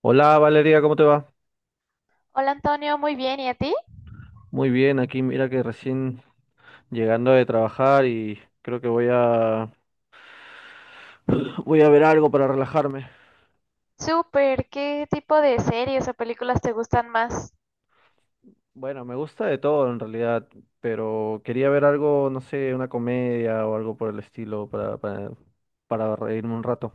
Hola Valeria, ¿cómo te va? Hola Antonio, muy bien, ¿y a ti? Muy bien, aquí mira que recién llegando de trabajar y creo que voy a voy a ver algo para relajarme. Súper, ¿qué tipo de series o películas te gustan más? Bueno, me gusta de todo en realidad, pero quería ver algo, no sé, una comedia o algo por el estilo para reírme un rato.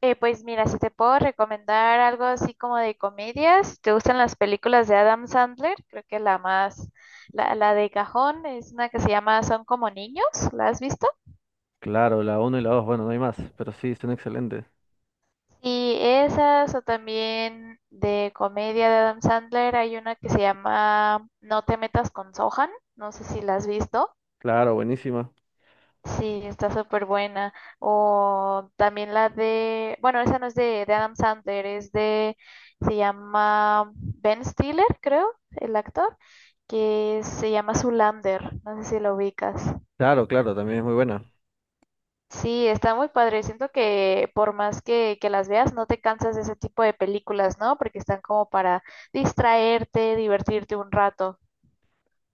Pues mira, si te puedo recomendar algo así como de comedias, si te gustan las películas de Adam Sandler, creo que la de cajón es una que se llama Son como niños, ¿la has visto? Claro, la uno y la dos. Bueno, no hay más, pero sí, son excelentes. Y esas o también de comedia de Adam Sandler hay una que se llama No te metas con Sohan, no sé si la has visto. Claro, buenísima. Sí, está súper buena. O también la de, bueno, esa no es de Adam Sandler, se llama Ben Stiller, creo, el actor, que se llama Zoolander. No sé si lo ubicas. Claro, claro, también es muy buena. Sí, está muy padre. Siento que por más que las veas, no te cansas de ese tipo de películas, ¿no? Porque están como para distraerte, divertirte un rato.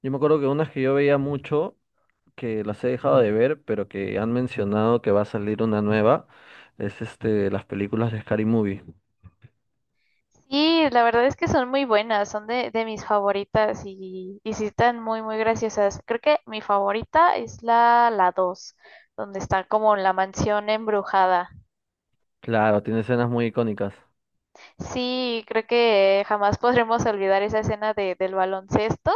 Yo me acuerdo que unas que yo veía mucho que las he dejado de ver, pero que han mencionado que va a salir una nueva, es este, las películas de Scary Movie. Sí, la verdad es que son muy buenas, son de mis favoritas y sí están muy, muy graciosas. Creo que mi favorita es la 2, donde está como la mansión embrujada. Claro, tiene escenas muy icónicas. Sí, creo que jamás podremos olvidar esa escena del baloncesto.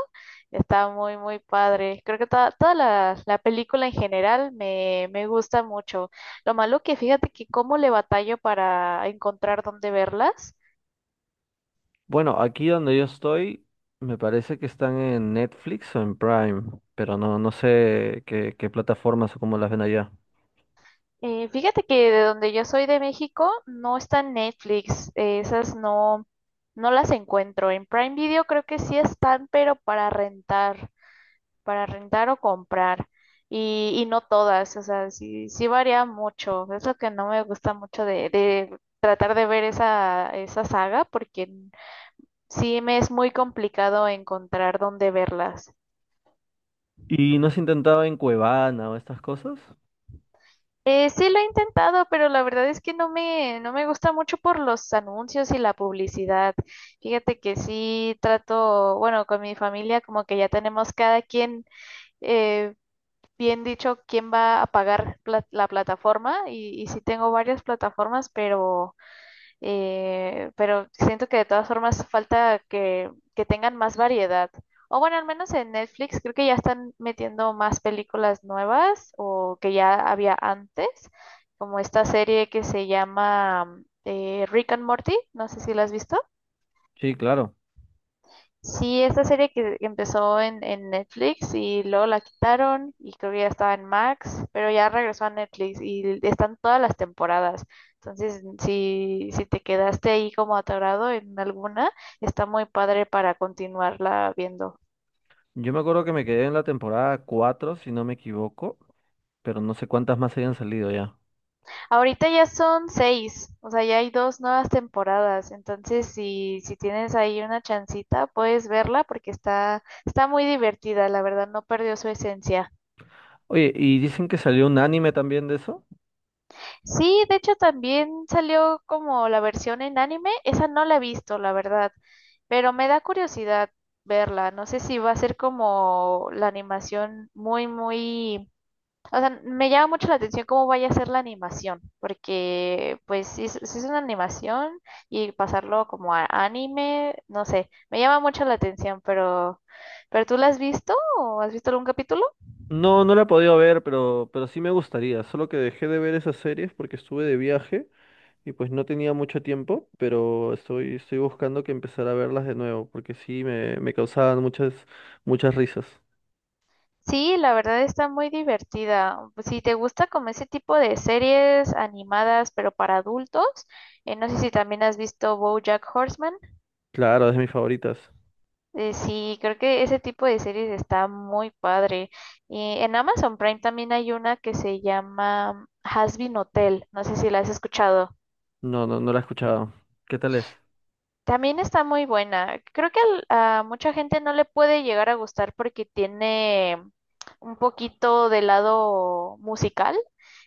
Está muy, muy padre. Creo que toda la película en general me gusta mucho. Lo malo que fíjate que cómo le batallo para encontrar dónde verlas. Bueno, aquí donde yo estoy, me parece que están en Netflix o en Prime, pero no sé qué plataformas o cómo las ven allá. Fíjate que de donde yo soy de México no está en Netflix, esas no las encuentro. En Prime Video creo que sí están, pero para rentar o comprar. Y no todas, o sea, sí varía mucho. Es lo que no me gusta mucho de tratar de ver esa saga, porque sí me es muy complicado encontrar dónde verlas. ¿Y no has intentado en Cuevana o estas cosas? Sí lo he intentado, pero la verdad es que no me gusta mucho por los anuncios y la publicidad. Fíjate que sí trato, bueno, con mi familia como que ya tenemos cada quien eh, bien dicho quién va a pagar la plataforma y sí tengo varias plataformas, pero siento que de todas formas falta que tengan más variedad. O bueno, al menos en Netflix creo que ya están metiendo más películas nuevas o que ya había antes, como esta serie que se llama Rick and Morty, no sé si la has visto. Sí, claro. Sí, esta serie que empezó en Netflix y luego la quitaron y creo que ya estaba en Max, pero ya regresó a Netflix y están todas las temporadas. Entonces, si te quedaste ahí como atorado en alguna, está muy padre para continuarla viendo. Yo me acuerdo que me quedé en la temporada 4 si no me equivoco, pero no sé cuántas más hayan salido ya. Ahorita ya son seis, o sea, ya hay dos nuevas temporadas. Entonces, si tienes ahí una chancita, puedes verla porque está muy divertida, la verdad, no perdió su esencia. Oye, ¿y dicen que salió un anime también de eso? Sí, de hecho también salió como la versión en anime. Esa no la he visto, la verdad, pero me da curiosidad verla. No sé si va a ser como la animación muy, muy... O sea, me llama mucho la atención cómo vaya a ser la animación, porque pues si, es si es una animación y pasarlo como a anime, no sé, me llama mucho la atención, ¿pero tú la has visto o has visto algún capítulo? No, no la he podido ver, pero sí me gustaría. Solo que dejé de ver esas series porque estuve de viaje y pues no tenía mucho tiempo, pero estoy buscando que empezar a verlas de nuevo porque sí me causaban muchas risas. Sí, la verdad está muy divertida. Si te gusta como ese tipo de series animadas, pero para adultos, no sé si también has visto BoJack Horseman. Claro, es de mis favoritas. Sí, creo que ese tipo de series está muy padre. Y en Amazon Prime también hay una que se llama Hazbin Hotel. No sé si la has escuchado. No, no la he escuchado. ¿Qué tal es? También está muy buena. Creo que a mucha gente no le puede llegar a gustar porque tiene un poquito de lado musical.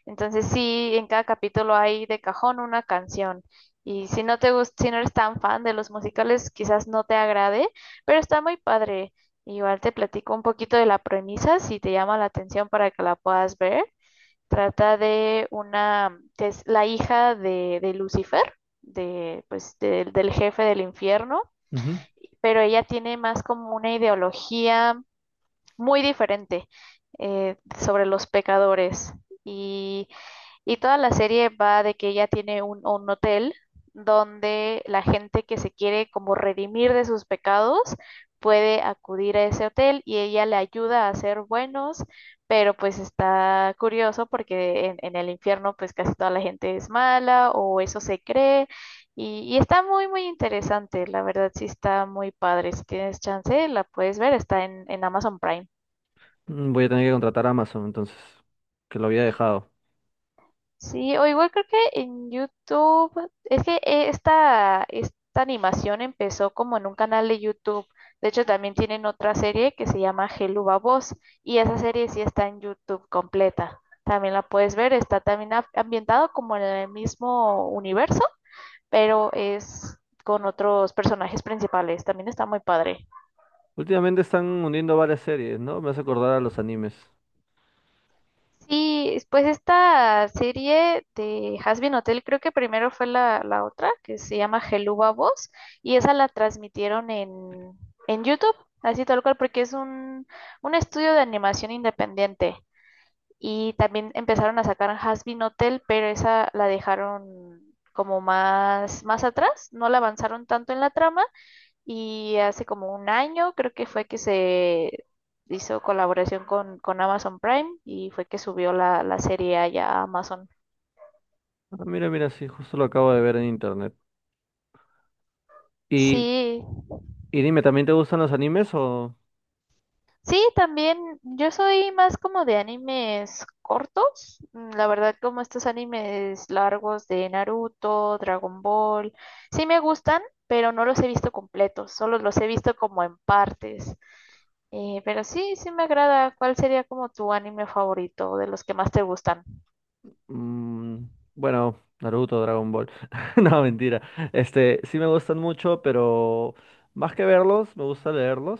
Entonces sí, en cada capítulo hay de cajón una canción. Y si no te gusta, si no eres tan fan de los musicales, quizás no te agrade, pero está muy padre. Igual te platico un poquito de la premisa si te llama la atención para que la puedas ver. Trata de una que es la hija de Lucifer, de, pues, del jefe del infierno, Ujú. pero ella tiene más como una ideología muy diferente sobre los pecadores. Y, y toda la serie va de que ella tiene un hotel donde la gente que se quiere como redimir de sus pecados puede acudir a ese hotel y ella le ayuda a ser buenos, pero pues está curioso porque en el infierno pues casi toda la gente es mala o eso se cree y está muy muy interesante, la verdad sí está muy padre, si tienes chance la puedes ver, está en Amazon Prime. Mm, voy a tener que contratar a Amazon entonces, que lo había dejado. Sí, o igual creo que en YouTube, es que esta animación empezó como en un canal de YouTube. De hecho, también tienen otra serie que se llama Hello Babos y esa serie sí está en YouTube completa. También la puedes ver, está también ambientado como en el mismo universo, pero es con otros personajes principales. También está muy padre. Últimamente están uniendo varias series, ¿no? Me hace acordar a los animes. Sí, pues esta serie de Hazbin Hotel, creo que primero fue la otra, que se llama Geluba Voz, y esa la transmitieron en YouTube, así tal cual, porque es un estudio de animación independiente. Y también empezaron a sacar Hazbin Hotel, pero esa la dejaron como más atrás, no la avanzaron tanto en la trama y hace como un año creo que fue que se hizo colaboración con Amazon Prime y fue que subió la serie allá a Amazon. Ah, mira, mira, sí, justo lo acabo de ver en internet. Y, Sí, y dime, ¿también te gustan los animes o...? sí, también yo soy más como de animes cortos, mm, la verdad como estos animes largos de Naruto, Dragon Ball, sí me gustan, pero no los he visto completos, solo los he visto como en partes. Pero sí, sí me agrada. ¿Cuál sería como tu anime favorito de los que más te gustan? Mm, bueno, Naruto, Dragon Ball. No, mentira. Este, sí me gustan mucho, pero más que verlos, me gusta leerlos.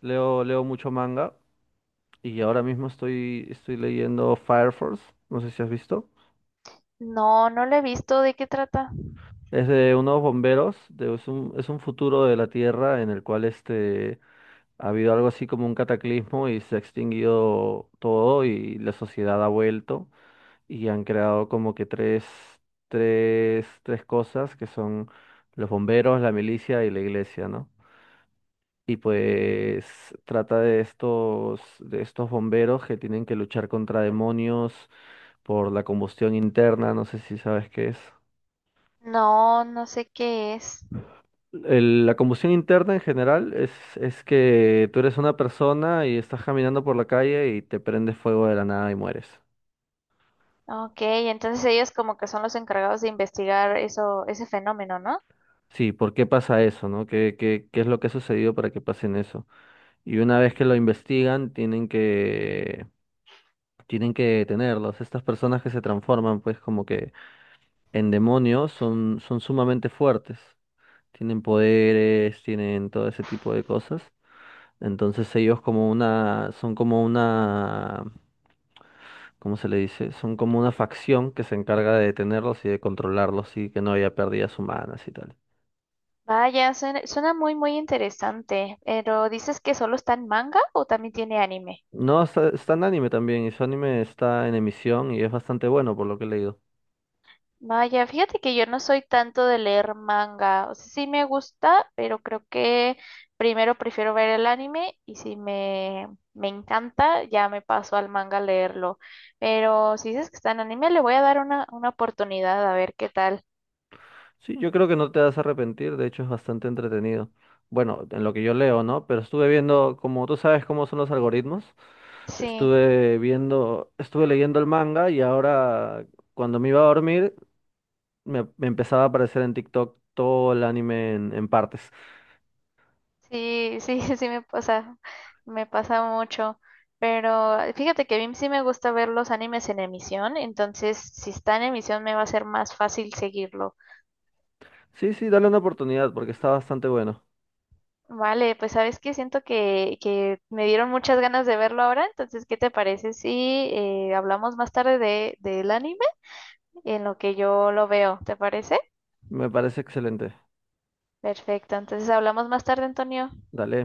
Leo mucho manga y ahora mismo estoy leyendo Fire Force. No sé si has visto. No, no la he visto. ¿De qué trata? Es de unos bomberos, es es un futuro de la Tierra en el cual este, ha habido algo así como un cataclismo y se ha extinguido todo y la sociedad ha vuelto. Y han creado como que tres cosas que son los bomberos, la milicia y la iglesia, ¿no? Y pues trata de de estos bomberos que tienen que luchar contra demonios por la combustión interna, no sé si sabes qué es. No, no sé qué es. La combustión interna en general es que tú eres una persona y estás caminando por la calle y te prendes fuego de la nada y mueres. Ok, entonces ellos como que son los encargados de investigar eso, ese fenómeno, ¿no? Sí, ¿por qué pasa eso, no? ¿Qué, qué es lo que ha sucedido para que pasen eso? Y una vez que lo investigan, tienen que detenerlos. Estas personas que se transforman, pues, como que en demonios, son sumamente fuertes. Tienen poderes, tienen todo ese tipo de cosas. Entonces ellos son como una, ¿cómo se le dice? Son como una facción que se encarga de detenerlos y de controlarlos y que no haya pérdidas humanas y tal. Vaya, suena, suena muy, muy interesante. Pero ¿dices que solo está en manga o también tiene anime? No, está en anime también y su anime está en emisión y es bastante bueno por lo que he leído. Vaya, fíjate que yo no soy tanto de leer manga. O sea, sí me gusta, pero creo que primero prefiero ver el anime y si me encanta, ya me paso al manga a leerlo. Pero si dices que está en anime, le voy a dar una oportunidad a ver qué tal. Sí, yo creo que no te vas a arrepentir, de hecho es bastante entretenido. Bueno, en lo que yo leo, ¿no? Pero estuve viendo, como tú sabes cómo son los algoritmos, Sí, estuve leyendo el manga y ahora cuando me iba a dormir me empezaba a aparecer en TikTok todo el anime en partes. sí, sí, sí me pasa mucho. Pero fíjate que a mí sí me gusta ver los animes en emisión, entonces si está en emisión me va a ser más fácil seguirlo. Sí, sí, dale una oportunidad porque está bastante bueno. Vale, pues sabes que siento que me dieron muchas ganas de verlo ahora, entonces, ¿qué te parece si hablamos más tarde del anime en lo que yo lo veo? ¿Te parece? Me parece excelente. Perfecto, entonces hablamos más tarde, Antonio. Dale.